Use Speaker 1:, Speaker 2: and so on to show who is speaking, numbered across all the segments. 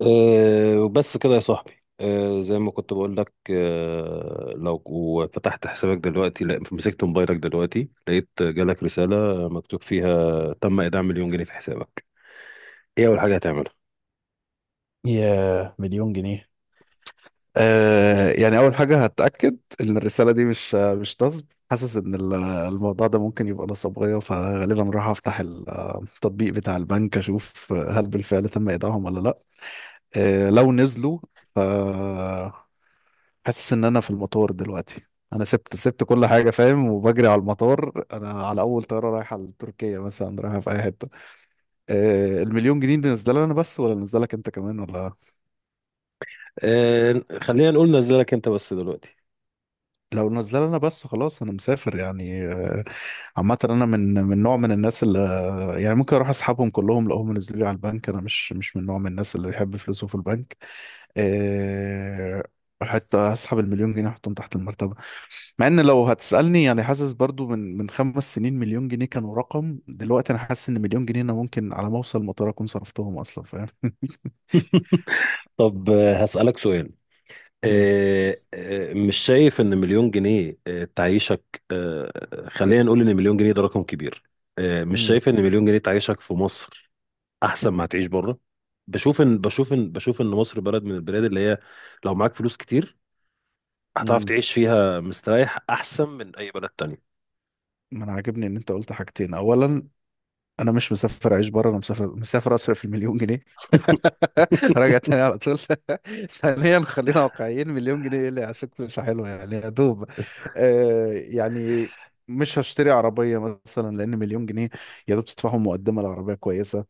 Speaker 1: وبس كده يا صاحبي. زي ما كنت بقول لك، لو فتحت حسابك دلوقتي، لا مسكت موبايلك دلوقتي، لقيت جالك رسالة مكتوب فيها تم إيداع مليون جنيه في حسابك. ايه أول حاجة هتعملها؟
Speaker 2: يا مليون جنيه. يعني اول حاجه هتاكد ان الرساله دي مش نصب. حاسس ان الموضوع ده ممكن يبقى نصبيه، فغالبا راح افتح التطبيق بتاع البنك اشوف هل بالفعل تم ايداعهم ولا لا. آه لو نزلوا ف حاسس ان انا في المطار دلوقتي. انا سبت كل حاجه فاهم، وبجري على المطار، انا على اول طياره رايحه لتركيا مثلا، رايحه في اي حته. آه المليون جنيه دي نازله لي انا بس ولا نازله لك انت كمان ولا؟
Speaker 1: خلينا نقول نزلك انت بس دلوقتي.
Speaker 2: لو نزل انا بس خلاص انا مسافر يعني. عامه انا من نوع من الناس اللي يعني ممكن اروح اسحبهم كلهم لو هم نزلوا لي على البنك. انا مش من نوع من الناس اللي يحب فلوسه في البنك آه، حتى اسحب المليون جنيه احطهم تحت المرتبه، مع ان لو هتسالني يعني حاسس برضو من 5 سنين 1,000,000 جنيه كانوا رقم، دلوقتي انا حاسس ان مليون جنيه انا ممكن على ما اوصل المطار اكون صرفتهم اصلا فاهم.
Speaker 1: طب، هسألك سؤال.
Speaker 2: مم.
Speaker 1: أه أه مش شايف ان مليون جنيه تعيشك؟ خلينا نقول ان مليون جنيه ده رقم كبير. مش
Speaker 2: مم.
Speaker 1: شايف ان مليون جنيه تعيشك في مصر احسن ما هتعيش بره؟ بشوف ان مصر بلد من البلاد اللي هي، لو معاك فلوس كتير، هتعرف
Speaker 2: مم.
Speaker 1: تعيش فيها مستريح احسن من اي بلد تانية.
Speaker 2: ما انا عاجبني ان انت قلت حاجتين. اولا، انا مش مسافر اعيش بره، انا مسافر، اصرف المليون جنيه. راجع تاني على طول. ثانيا، خلينا واقعيين، مليون جنيه ايه اللي عشان مش حلوه يعني، يا دوب. يعني مش هشتري عربيه مثلا، لان مليون جنيه يا دوب تدفعهم مقدمه لعربيه كويسه.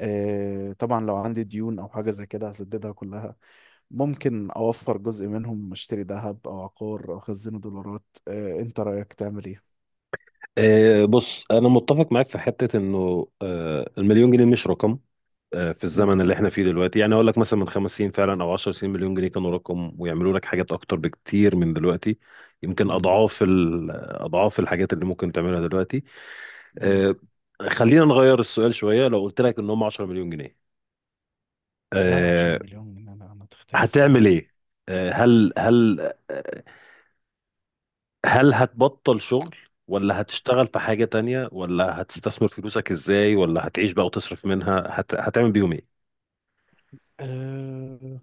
Speaker 2: آه طبعا لو عندي ديون او حاجه زي كده هسددها كلها، ممكن اوفر جزء منهم اشتري ذهب او عقار او اخزنه دولارات. آه انت رايك تعمل ايه؟
Speaker 1: بص، انا متفق معاك في حتة انه المليون جنيه مش رقم في
Speaker 2: مم،
Speaker 1: الزمن اللي احنا فيه دلوقتي. يعني اقول لك مثلا من 5 سنين فعلا او 10 سنين مليون جنيه كانوا رقم، ويعملوا لك حاجات اكتر بكتير من دلوقتي. يمكن
Speaker 2: بالظبط.
Speaker 1: اضعاف اضعاف الحاجات اللي ممكن تعملها دلوقتي.
Speaker 2: مم.
Speaker 1: أه خلينا نغير السؤال شوية، لو قلت لك ان هم 10 مليون جنيه،
Speaker 2: ده 10
Speaker 1: آه،
Speaker 2: مليون جنيه، أنا تختلف.
Speaker 1: هتعمل ايه؟ آه، هل هل آه، هل هتبطل شغل، ولا هتشتغل في حاجة تانية، ولا هتستثمر فلوسك ازاي، ولا هتعيش بقى وتصرف منها؟ هتعمل بيهم ايه؟
Speaker 2: آه،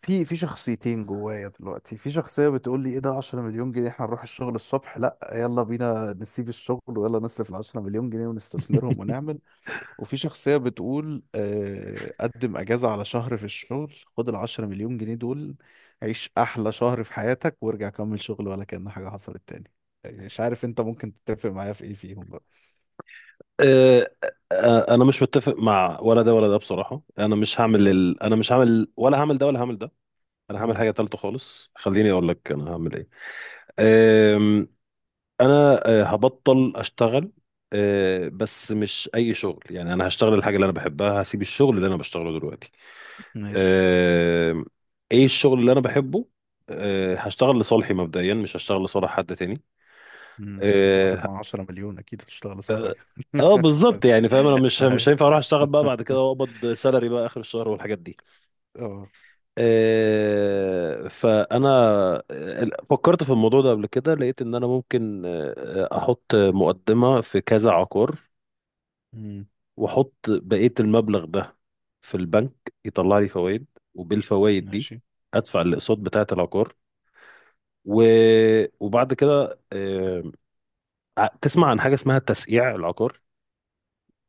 Speaker 2: في شخصيتين جوايا دلوقتي. في شخصية بتقول لي ايه ده، 10 مليون جنيه، احنا نروح الشغل الصبح؟ لا، يلا بينا نسيب الشغل ويلا نصرف ال 10 مليون جنيه ونستثمرهم ونعمل. وفي شخصية بتقول قدم اجازة على شهر في الشغل، خد ال 10 مليون جنيه دول عيش احلى شهر في حياتك وارجع كمل شغل ولا كأن حاجة حصلت تاني. يعني مش عارف انت ممكن تتفق معايا في ايه فيهم بقى.
Speaker 1: انا مش متفق مع ولا ده ولا ده بصراحة.
Speaker 2: يلا.
Speaker 1: انا مش هعمل، ولا هعمل ده، ولا هعمل ده. انا هعمل
Speaker 2: مم،
Speaker 1: حاجة تالتة خالص. خليني اقول لك انا هعمل ايه. آم، انا هبطل اشتغل. بس مش اي شغل يعني، انا هشتغل الحاجة اللي انا بحبها، هسيب الشغل اللي انا بشتغله دلوقتي.
Speaker 2: ماشي.
Speaker 1: آه، ايه الشغل اللي انا بحبه؟ هشتغل لصالحي مبدئيا، مش هشتغل لصالح حد تاني.
Speaker 2: مم، انت واحد
Speaker 1: اه،
Speaker 2: مع 10 مليون اكيد هتشتغل صح حاجة.
Speaker 1: بالظبط يعني فاهم. انا مش هينفع اروح اشتغل بقى بعد كده واقبض سالري بقى اخر الشهر والحاجات دي.
Speaker 2: اه.
Speaker 1: فانا فكرت في الموضوع ده قبل كده، لقيت ان انا ممكن احط مقدمة في كذا عقار،
Speaker 2: امم.
Speaker 1: واحط بقية المبلغ ده في البنك يطلع لي فوائد، وبالفوائد دي
Speaker 2: ماشي.
Speaker 1: ادفع الاقساط بتاعة العقار. و... وبعد كده، تسمع عن حاجه اسمها تسقيع العقار.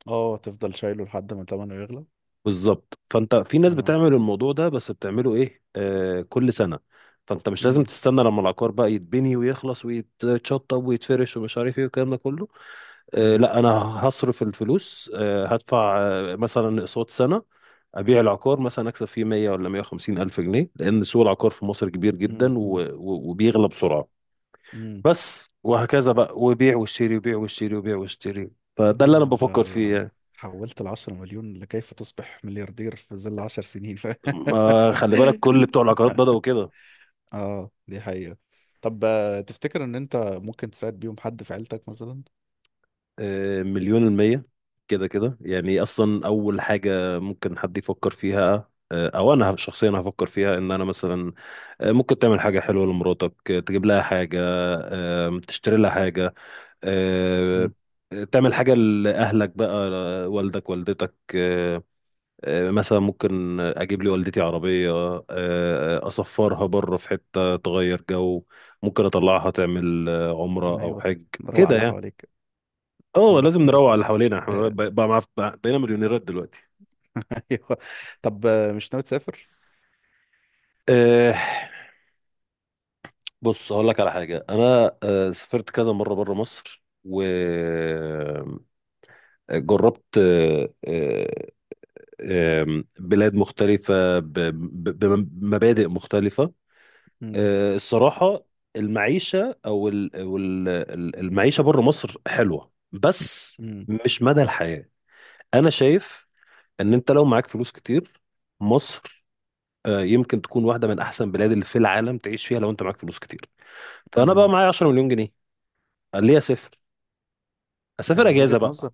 Speaker 2: اه، تفضل شايله لحد ما تمنه يغلى.
Speaker 1: بالظبط، فانت في ناس
Speaker 2: اه.
Speaker 1: بتعمل الموضوع ده، بس بتعمله ايه؟ كل سنه. فانت مش لازم
Speaker 2: امم
Speaker 1: تستنى لما العقار بقى يتبني ويخلص ويتشطب ويتفرش ومش عارف ايه والكلام ده كله.
Speaker 2: امم
Speaker 1: لا، انا هصرف الفلوس، هدفع مثلا اقساط سنه، ابيع العقار، مثلا اكسب فيه 100 ولا 150 الف جنيه، لان سوق العقار في مصر كبير
Speaker 2: امم.
Speaker 1: جدا وبيغلى بسرعه.
Speaker 2: امم.
Speaker 1: بس وهكذا بقى، وبيع واشتري، وبيع واشتري، وبيع واشتري. فده اللي انا
Speaker 2: ايوه انت
Speaker 1: بفكر فيه يعني.
Speaker 2: حولت العشرة مليون لكيف تصبح ملياردير في ظل عشر سنين
Speaker 1: ما خلي بالك، كل بتوع العقارات بدأوا كده.
Speaker 2: اه دي حقيقة. طب تفتكر ان انت ممكن تساعد بيهم حد في عيلتك مثلا؟
Speaker 1: مليون المية كده كده يعني. اصلا اول حاجة ممكن حد يفكر فيها او انا شخصيا هفكر فيها، ان انا مثلا ممكن تعمل حاجة حلوة لمراتك، تجيب لها حاجة، تشتري لها حاجة، آه،
Speaker 2: امم.
Speaker 1: تعمل حاجة لأهلك بقى، والدك والدتك. مثلا ممكن اجيب لي والدتي عربيه، اسفرها بره في حته تغير جو، ممكن اطلعها تعمل عمره او
Speaker 2: ايوه،
Speaker 1: حج.
Speaker 2: روق على
Speaker 1: كده
Speaker 2: اللي
Speaker 1: يعني.
Speaker 2: حواليك.
Speaker 1: اه، لازم
Speaker 2: امم.
Speaker 1: نروق على اللي حوالينا، احنا
Speaker 2: آه،
Speaker 1: بقينا مليونيرات دلوقتي.
Speaker 2: ايوه. طب مش ناوي تسافر؟
Speaker 1: آه، بص هقول لك على حاجه. انا سافرت كذا مره بره مصر، وجربت بلاد مختلفه بمبادئ مختلفه.
Speaker 2: امم
Speaker 1: الصراحة، المعيشة أو ال- أو ال- ال- المعيشة بره مصر حلوة، بس
Speaker 2: امم
Speaker 1: مش مدى الحياة. أنا شايف إن أنت لو معاك فلوس كتير، مصر يمكن تكون واحدة من أحسن بلاد اللي في العالم تعيش فيها لو أنت معاك فلوس كتير. فأنا بقى
Speaker 2: امم.
Speaker 1: معايا 10 مليون جنيه، قال لي أسافر.
Speaker 2: يعني
Speaker 1: أجازة
Speaker 2: وجهة
Speaker 1: بقى؟
Speaker 2: نظر.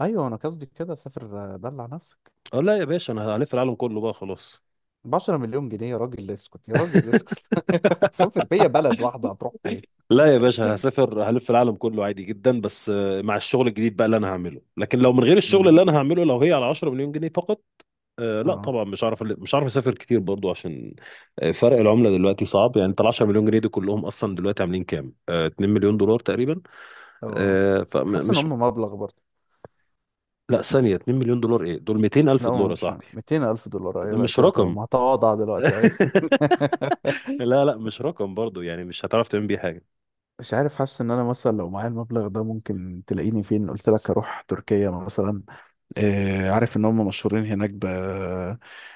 Speaker 2: ايوه انا قصدي كده سافر، دلع نفسك.
Speaker 1: أقول لا يا باشا، أنا هلف العالم كله بقى خلاص.
Speaker 2: ب 10 مليون جنيه يا راجل اسكت، يا راجل اسكت. تسافر بيا بلد واحده هتروح فين؟
Speaker 1: لا يا باشا، هسافر هلف العالم كله عادي جدا. بس مع الشغل الجديد بقى اللي أنا هعمله، لكن لو من غير الشغل
Speaker 2: امم.
Speaker 1: اللي أنا هعمله، لو هي على 10 مليون جنيه فقط، لا
Speaker 2: اه.
Speaker 1: طبعا، مش عارف اسافر كتير برضو، عشان فرق العمله دلوقتي صعب. يعني انت ال 10 مليون جنيه دي كلهم اصلا دلوقتي عاملين كام؟ 2 مليون دولار تقريبا.
Speaker 2: اه
Speaker 1: آه،
Speaker 2: حاسس ان
Speaker 1: فمش
Speaker 2: هم مبلغ برضه.
Speaker 1: لا، ثانيه، 2 مليون دولار ايه؟ دول 200
Speaker 2: لا
Speaker 1: الف
Speaker 2: هو
Speaker 1: دولار يا
Speaker 2: مش
Speaker 1: صاحبي،
Speaker 2: 200 الف دولار،
Speaker 1: ده
Speaker 2: ايوه لا
Speaker 1: مش
Speaker 2: كده
Speaker 1: رقم.
Speaker 2: تمام هتواضع دلوقتي، ايوه.
Speaker 1: لا لا، مش رقم برضو يعني، مش هتعرف تعمل بيه حاجه.
Speaker 2: مش عارف، حاسس ان انا مثلا لو معايا المبلغ ده ممكن تلاقيني فين؟ قلت لك اروح تركيا مثلا. آه عارف ان هم مشهورين هناك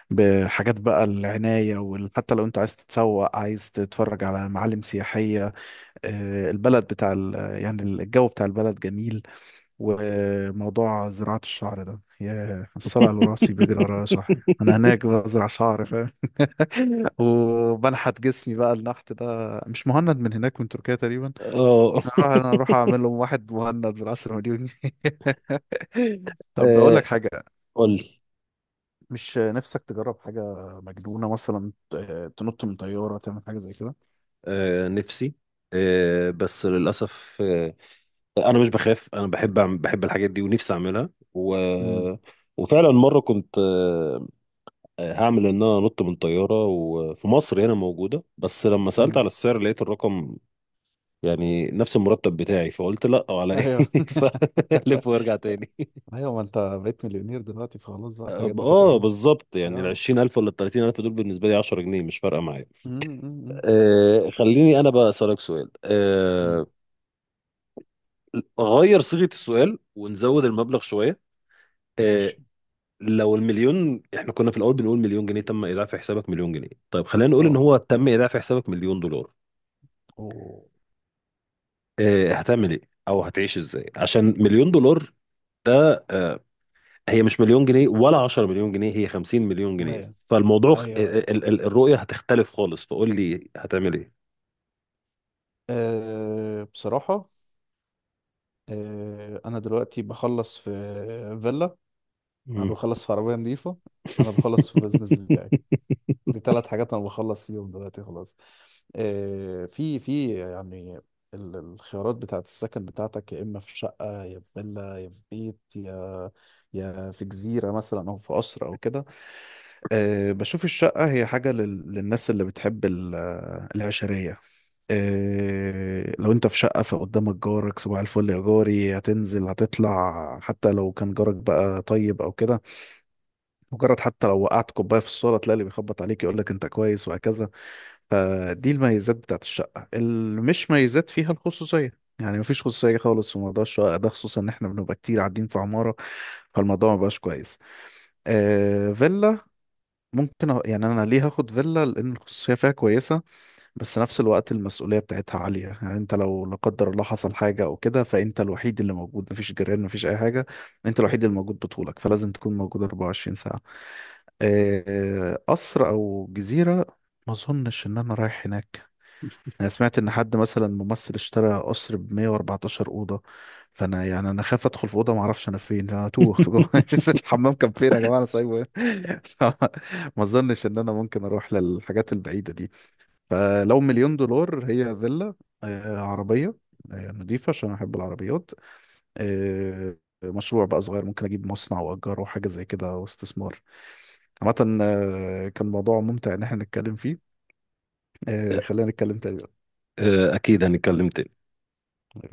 Speaker 2: بحاجات بقى، العناية، وحتى لو انت عايز تتسوق، عايز تتفرج على معالم سياحية. البلد يعني الجو بتاع البلد جميل. وموضوع زراعة الشعر ده، يا الصلع اللي راسي بيجري ورايا صح. انا هناك بزرع شعر فاهم. وبنحت جسمي بقى النحت ده. مش مهند من هناك من تركيا تقريبا؟
Speaker 1: اه،
Speaker 2: انا اروح اعمل لهم واحد مهند بالعشرة مليون جنيه. طب بقول
Speaker 1: آه،
Speaker 2: لك حاجة.
Speaker 1: قول لي.
Speaker 2: مش نفسك تجرب حاجة مجنونة مثلا، تنط من طيارة، تعمل حاجة زي كده؟
Speaker 1: نفسي، بس للاسف، انا مش بخاف، انا بحب أعمل، بحب الحاجات دي ونفسي اعملها.
Speaker 2: امم
Speaker 1: وفعلا مره كنت هعمل ان انا انط من طياره، وفي مصر هنا موجوده، بس لما سالت
Speaker 2: امم
Speaker 1: على السعر لقيت الرقم يعني نفس المرتب بتاعي، فقلت لا، على
Speaker 2: ايوه.
Speaker 1: ايه؟ فلف وارجع تاني.
Speaker 2: ايوه ما انت بقيت مليونير دلوقتي فخلاص بقى، الحاجات دي كانت
Speaker 1: اه
Speaker 2: قديمه.
Speaker 1: بالظبط يعني، ال
Speaker 2: اه.
Speaker 1: 20000 ولا ال 30000 دول بالنسبه لي 10 جنيه، مش فارقه معايا.
Speaker 2: أمم،
Speaker 1: خليني انا بقى اسالك سؤال.
Speaker 2: أمم.
Speaker 1: غير صيغه السؤال ونزود المبلغ شويه. آه،
Speaker 2: ماشي.
Speaker 1: لو المليون، احنا كنا في الاول بنقول مليون جنيه تم ايداع في حسابك مليون جنيه، طيب خلينا نقول ان
Speaker 2: اه.
Speaker 1: هو تم ايداع في حسابك مليون دولار.
Speaker 2: أوه.
Speaker 1: اه، هتعمل ايه؟ او هتعيش ازاي؟ عشان مليون دولار ده، هي مش مليون جنيه ولا 10 مليون جنيه، هي 50 مليون
Speaker 2: ايوه
Speaker 1: جنيه. فالموضوع
Speaker 2: ايوه.
Speaker 1: الرؤية هتختلف خالص، فقول لي هتعمل ايه.
Speaker 2: أه بصراحه، انا دلوقتي بخلص في فيلا، انا
Speaker 1: مم.
Speaker 2: بخلص في عربيه نظيفه، انا بخلص في بزنس بتاعي. دي ثلاث حاجات انا بخلص فيهم دلوقتي خلاص. في يعني الخيارات بتاعت السكن بتاعتك، يا اما في شقه يا في فيلا يا في بيت يا في جزيره مثلا او في قصر او كده. بشوف الشقه هي حاجه للناس اللي بتحب العشريه. لو انت في شقة فقدامك جارك صباح الفل يا جاري، هتنزل هتطلع، حتى لو كان جارك بقى طيب او كده، مجرد حتى لو وقعت كوبايه في الصاله تلاقي اللي بيخبط عليك يقول لك انت كويس، وهكذا. فدي الميزات بتاعت الشقه اللي مش ميزات، فيها الخصوصيه يعني مفيش خصوصيه خالص في موضوع الشقه ده، خصوصا ان احنا بنبقى كتير قاعدين في عماره، فالموضوع مبقاش كويس. آه فيلا، يعني انا ليه هاخد فيلا، لان الخصوصيه فيها كويسه، بس نفس الوقت المسؤولية بتاعتها عالية. يعني انت لو لا قدر الله حصل حاجة او كده، فانت الوحيد اللي موجود، مفيش جيران، مفيش اي حاجة، انت الوحيد اللي موجود بطولك، فلازم تكون موجود 24 ساعة. قصر او جزيرة، ما اظنش ان انا رايح هناك. انا سمعت ان حد مثلا ممثل اشترى قصر ب 114 أوضة، فانا يعني انا خاف ادخل في أوضة ما اعرفش انا فين، انا توه في جوه. نسيت الحمام كان فين يا جماعة، انا سايبه هنا. ما اظنش ان انا ممكن اروح للحاجات البعيدة دي. فلو مليون دولار، هي فيلا، عربية نضيفة عشان أحب العربيات، آه، مشروع بقى صغير ممكن أجيب مصنع وأجره حاجة زي كده واستثمار. عامة كان موضوع ممتع إن احنا نتكلم فيه، خلينا نتكلم تاني
Speaker 1: اكيد هنتكلم تاني.
Speaker 2: بقى.